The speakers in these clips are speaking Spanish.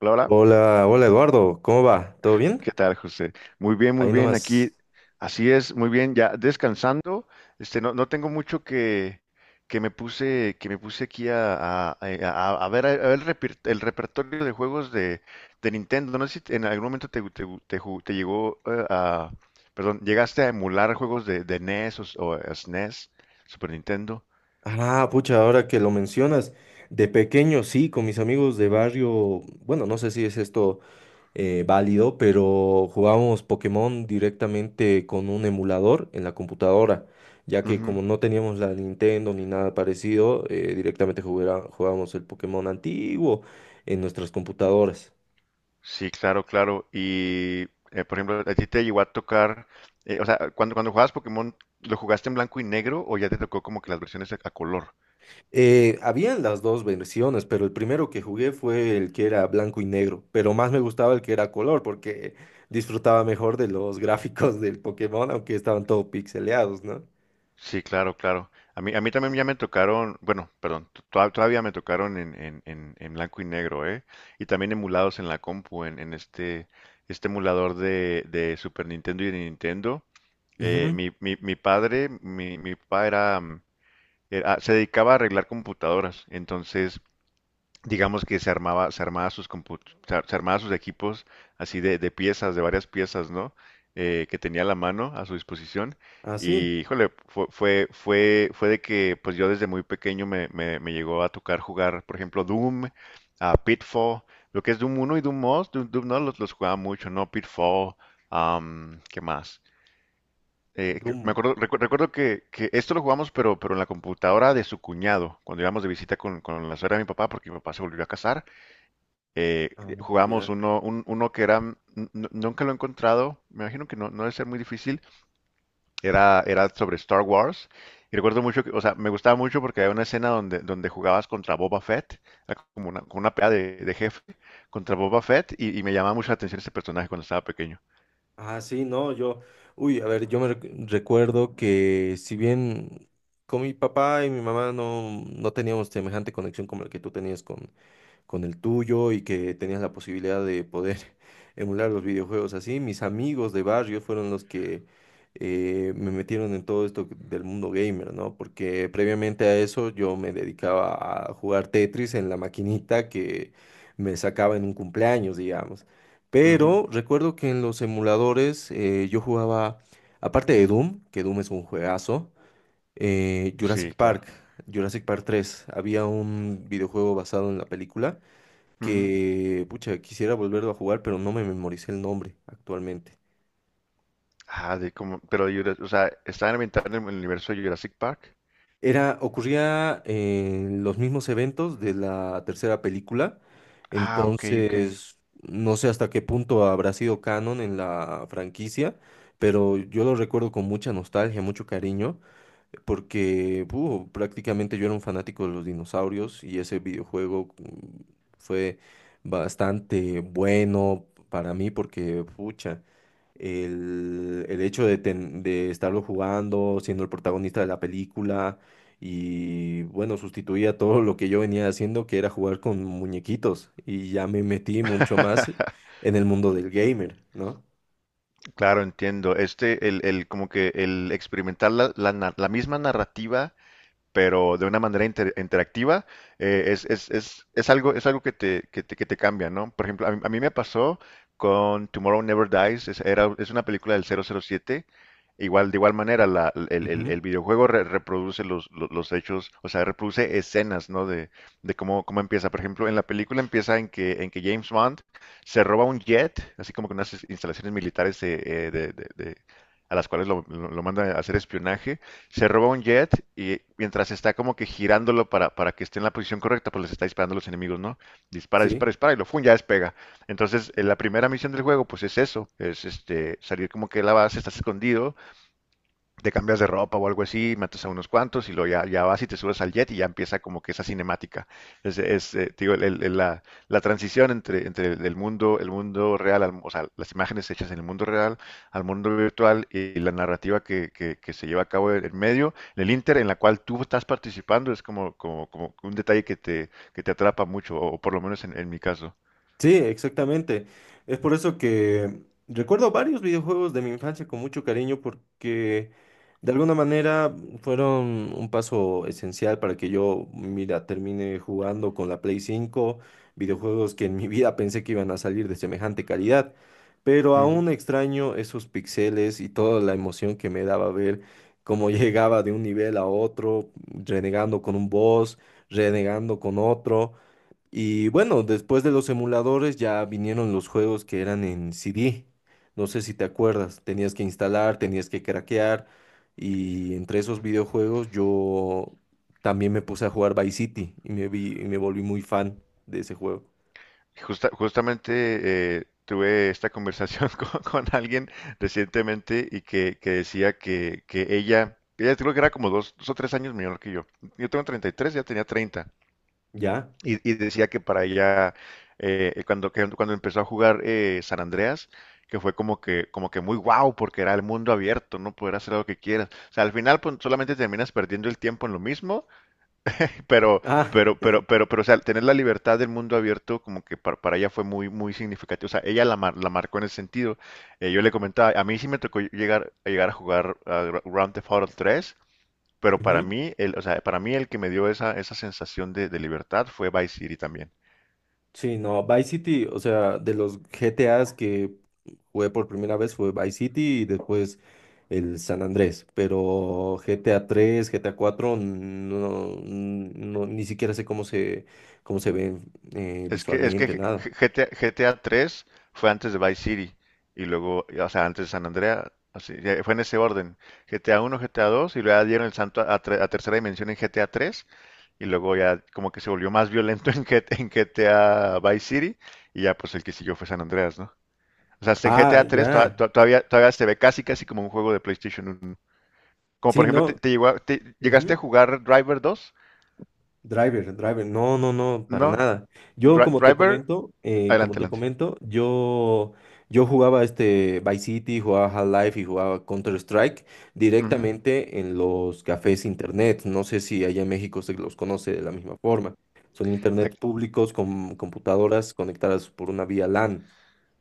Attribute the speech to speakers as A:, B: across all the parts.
A: Hola, hola.
B: Hola, hola Eduardo, ¿cómo va? ¿Todo bien?
A: ¿Qué tal, José? Muy bien, muy
B: Ahí
A: bien.
B: nomás.
A: Aquí, así es, muy bien. Ya descansando. Este, no, no tengo mucho que, que me puse aquí a ver el, el repertorio de juegos de Nintendo. No sé si en algún momento te llegó perdón, llegaste a emular juegos de NES o SNES, Super Nintendo.
B: Ah, pucha, ahora que lo mencionas, de pequeño sí, con mis amigos de barrio, bueno, no sé si es esto válido, pero jugábamos Pokémon directamente con un emulador en la computadora, ya que como no teníamos la Nintendo ni nada parecido, directamente jugábamos el Pokémon antiguo en nuestras computadoras.
A: Sí, claro, claro. Y, por ejemplo, ¿a ti te llegó a tocar, o sea, cuando jugabas Pokémon, ¿lo jugaste en blanco y negro o ya te tocó como que las versiones a color?
B: Habían las dos versiones, pero el primero que jugué fue el que era blanco y negro, pero más me gustaba el que era color porque disfrutaba mejor de los gráficos del Pokémon, aunque estaban todo pixeleados, ¿no?
A: Sí, claro, claro. A mí también ya me tocaron, bueno, perdón, todavía me tocaron en blanco y negro, ¿eh? Y también emulados en la compu, en este emulador de Super Nintendo y de Nintendo. Eh,
B: Ujú.
A: mi, mi, mi padre, mi, mi papá se dedicaba a arreglar computadoras, entonces digamos que se armaba sus equipos así de piezas, de varias piezas, ¿no? Que tenía a la mano a su disposición.
B: Ah, sí,
A: Y, híjole, fue de que pues yo desde muy pequeño me llegó a tocar jugar, por ejemplo, Doom, a Pitfall, lo que es Doom 1 y Doom 2 Doom, Doom, no los jugaba mucho, ¿no? Pitfall, ¿qué más? Me
B: Doom.
A: acuerdo, recuerdo que esto lo jugamos, pero en la computadora de su cuñado, cuando íbamos de visita con la suegra de mi papá, porque mi papá se volvió a casar
B: Ah,
A: jugamos
B: ya.
A: uno, uno que era, nunca lo he encontrado, me imagino que no debe ser muy difícil, era sobre Star Wars. Y recuerdo mucho que, o sea, me gustaba mucho porque había una escena donde jugabas contra Boba Fett, era como una pelea de jefe contra Boba Fett, y me llamaba mucho la atención ese personaje cuando estaba pequeño.
B: Ah, sí, no, yo, uy, a ver, yo me recuerdo que si bien con mi papá y mi mamá no, no teníamos semejante conexión como la que tú tenías con el tuyo y que tenías la posibilidad de poder emular los videojuegos así. Mis amigos de barrio fueron los que me metieron en todo esto del mundo gamer, ¿no? Porque previamente a eso yo me dedicaba a jugar Tetris en la maquinita que me sacaba en un cumpleaños, digamos.
A: Ujú.
B: Pero recuerdo que en los emuladores yo jugaba, aparte de Doom, que Doom es un juegazo, Jurassic
A: Sí,
B: Park,
A: claro.
B: Jurassic Park tres. Había un videojuego basado en la película
A: Ujú.
B: que, pucha, quisiera volverlo a jugar, pero no me memoricé el nombre actualmente.
A: Ah, de como, pero, Jura- o sea, estaba ambientado en el universo de Jurassic Park.
B: Era, ocurría en los mismos eventos de la tercera película,
A: Ah, ok, ok.
B: entonces no sé hasta qué punto habrá sido canon en la franquicia, pero yo lo recuerdo con mucha nostalgia, mucho cariño, porque prácticamente yo era un fanático de los dinosaurios y ese videojuego fue bastante bueno para mí porque, pucha. El hecho de estarlo jugando, siendo el protagonista de la película y bueno, sustituía todo lo que yo venía haciendo, que era jugar con muñequitos y ya me metí mucho más en el mundo del gamer, ¿no?
A: Claro, entiendo. Este, como que el experimentar la misma narrativa pero de una manera interactiva, es algo que te cambia, ¿no? Por ejemplo, a mí me pasó con Tomorrow Never Dies, es una película del 007, igual, de igual manera, la, el, el-
B: Ujú.
A: el videojuego reproduce los hechos, o sea, reproduce escenas, ¿no? De cómo empieza. Por ejemplo, en la película empieza en que James Bond se roba un jet, así como con unas instalaciones militares eh, de, de- de- a las cuales lo manda a hacer espionaje, se roba un jet y mientras está como que girándolo para que esté en la posición correcta, pues les está disparando a los enemigos, ¿no? Dispara,
B: Sí.
A: dispara, dispara ya despega. Entonces, en la primera misión del juego, pues es eso, es este salir como que de la base, estás escondido, te cambias de ropa o algo así, matas a unos cuantos y luego ya vas y te subes al jet y ya empieza como que esa cinemática. Te digo, la transición entre el mundo real, o sea, las imágenes hechas en el mundo real al mundo virtual y la narrativa que se lleva a cabo en medio, en el inter en la cual tú estás participando, es como un detalle que te atrapa mucho, o por lo menos en mi caso.
B: Sí, exactamente. Es por eso que recuerdo varios videojuegos de mi infancia con mucho cariño porque de alguna manera fueron un paso esencial para que yo, mira, termine jugando con la Play 5, videojuegos que en mi vida pensé que iban a salir de semejante calidad, pero aún extraño esos pixeles y toda la emoción que me daba ver cómo llegaba de un nivel a otro, renegando con un boss, renegando con otro. Y bueno, después de los emuladores ya vinieron los juegos que eran en CD. No sé si te acuerdas, tenías que instalar, tenías que craquear. Y entre esos videojuegos yo también me puse a jugar Vice City y me volví muy fan de ese juego.
A: Justamente tuve esta conversación con alguien recientemente y que decía que ella creo que era como dos, 2 o 3 años menor que yo. Yo tengo 33. Ya tenía 30.
B: ¿Ya?
A: Y decía que para ella, cuando empezó a jugar San Andreas, que fue como que muy guau, porque era el mundo abierto, no poder hacer lo que quieras. O sea, al final pues, solamente terminas perdiendo el tiempo en lo mismo pero,
B: Ah,
A: o sea, tener la libertad del mundo abierto como que para ella fue muy, muy significativo. O sea, ella la marcó en ese sentido. Yo le comentaba, a mí sí me tocó llegar a jugar a Grand Theft Auto 3, pero para
B: ujú.
A: mí, o sea, para mí el que me dio esa sensación de libertad fue Vice City también.
B: Sí, no, Vice City, o sea, de los GTAs que jugué por primera vez fue Vice City y después el San Andrés, pero GTA 3, GTA 4, no, no, ni siquiera sé cómo se ven
A: Es que
B: visualmente, nada.
A: GTA 3 fue antes de Vice City y luego, o sea, antes de San Andreas, así, fue en ese orden. GTA 1, GTA 2 y luego ya dieron el santo a tercera dimensión en GTA 3. Y luego ya como que se volvió más violento en GTA, en GTA Vice City. Y ya pues el que siguió fue San Andreas, ¿no? O sea, este
B: Ah,
A: GTA 3
B: ya,
A: todavía, todavía se ve casi casi como un juego de PlayStation 1. Como por
B: sí,
A: ejemplo, te,
B: no.
A: te llegó a- te- ¿llegaste a
B: Ujú.
A: jugar Driver dos?
B: Driver, driver, no, no, no, para
A: No.
B: nada. Yo,
A: Dri- Driver,
B: como
A: adelante,
B: te
A: adelante.
B: comento, yo jugaba este Vice City, jugaba Half-Life y jugaba Counter-Strike
A: Ujú.
B: directamente en los cafés internet. No sé si allá en México se los conoce de la misma forma. Son internet
A: Ac-
B: públicos con computadoras conectadas por una vía LAN.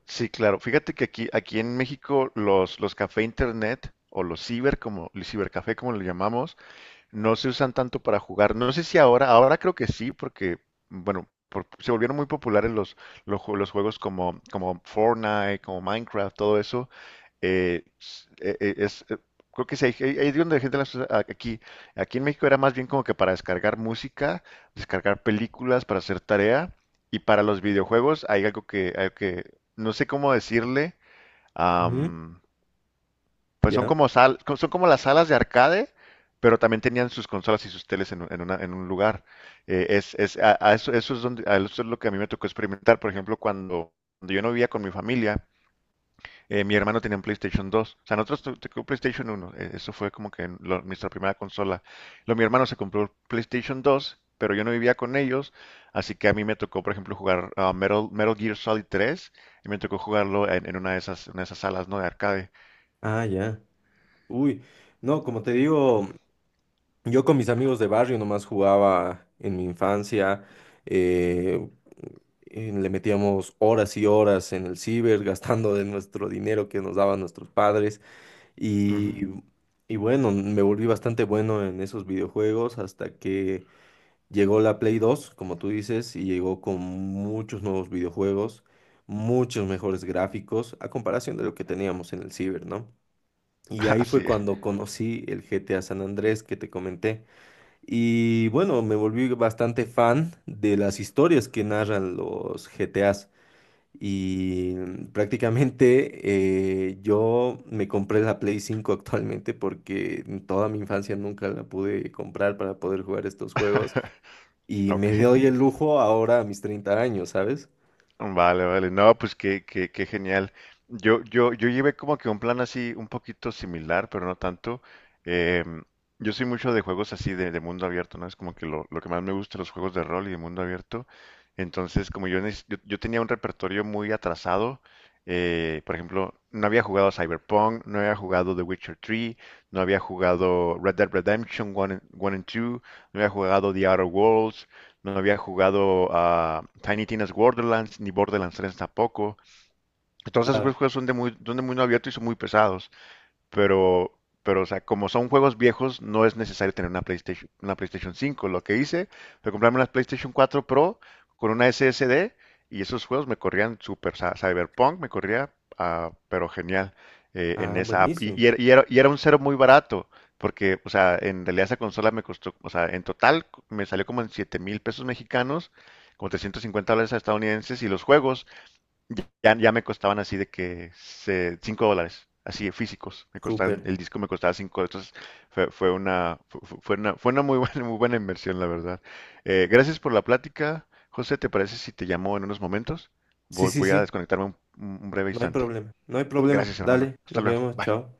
A: Sí, claro. Fíjate que aquí, aquí en México los café internet o los ciber, como el cibercafé como lo llamamos, no se usan tanto para jugar. No sé si ahora, ahora creo que sí, porque, bueno, se volvieron muy populares los juegos como Fortnite, como Minecraft, todo eso. eh, s- eh, eh, es, eh, Creo que sí, ahí es donde la gente las usa aquí. Aquí en México era más bien como que para descargar música, descargar películas, para hacer tarea. Y para los videojuegos hay algo que no sé cómo decirle.
B: Ujú.
A: Pues son
B: Ya.
A: como las salas de arcade, pero también tenían sus consolas y sus teles en un lugar. A eso es lo que a mí me tocó experimentar. Por ejemplo, cuando yo no vivía con mi familia, mi hermano tenía un PlayStation 2. O sea, nosotros tocó PlayStation 1. Eso fue como que nuestra primera consola. Luego mi hermano se compró el PlayStation 2, pero yo no vivía con ellos. Así que a mí me tocó, por ejemplo, jugar Metal Gear Solid 3. Y me tocó jugarlo en una de esas salas, ¿no? De arcade.
B: Ah, ya. Uy, no, como te digo. Yo con mis amigos de barrio nomás jugaba en mi infancia, eh, le metíamos horas y horas en el ciber, gastando de nuestro dinero que nos daban nuestros padres y,
A: Ujú.
B: y bueno, me volví bastante bueno en esos videojuegos hasta que llegó la Play 2 como tú dices, y llegó con muchos nuevos videojuegos, muchos mejores gráficos a comparación de lo que teníamos en el ciber, ¿no? Y ahí fue
A: Así
B: cuando conocí el GTA San Andrés que te comenté. Y bueno, me volví bastante fan de las historias que narran los GTAs. Y prácticamente yo me compré la Play 5 actualmente porque en toda mi infancia nunca la pude comprar para poder jugar estos juegos. Y
A: Ok,
B: me doy el lujo ahora a mis 30 años, ¿sabes?
A: vale, vale. No, pues qué genial. Yo llevé como que un plan así un poquito similar, pero no tanto. Em, yo soy mucho de juegos así de mundo abierto, ¿no? Es como que lo que más me gusta, los juegos de rol y de mundo abierto. Entonces, como yo, yo tenía un repertorio muy atrasado, por ejemplo, no había jugado Cyberpunk, no había jugado The Witcher 3, no había jugado Red Dead Redemption 1 and 2, no había jugado The Outer Worlds, no había jugado a Tiny Tina's Borderlands ni Borderlands 3 tampoco. Entonces,
B: Claro.
A: esos juegos son de muy abierto y son muy pesados. Pero, o sea, como son juegos viejos, no es necesario tener una PlayStation 5. Lo que hice fue comprarme una PlayStation 4 Pro con una SSD y esos juegos me corrían súper. O sea, Cyberpunk me corría, pero genial en
B: Ah,
A: esa app. Y,
B: buenísimo.
A: y era, y era- y era un cero muy barato, porque, o sea, en realidad esa consola me costó, o sea, en total me salió como en 7,000 pesos mexicanos, como 350 dólares estadounidenses y los juegos. Ya, ya me costaban así de que 5 dólares, así de físicos. Me
B: Súper.
A: costaban, el disco me costaba cinco, entonces fue, fue una, fu- fu- fue una muy buena, muy buena inversión, la verdad. Gracias por la plática. José, ¿te parece si te llamo en unos momentos?
B: Sí,
A: Voy,
B: sí,
A: voy a
B: sí.
A: desconectarme un breve
B: No hay
A: instante.
B: problema. No hay problema.
A: Gracias, hermano.
B: Dale,
A: Hasta
B: nos
A: luego.
B: vemos.
A: Bye.
B: Chao.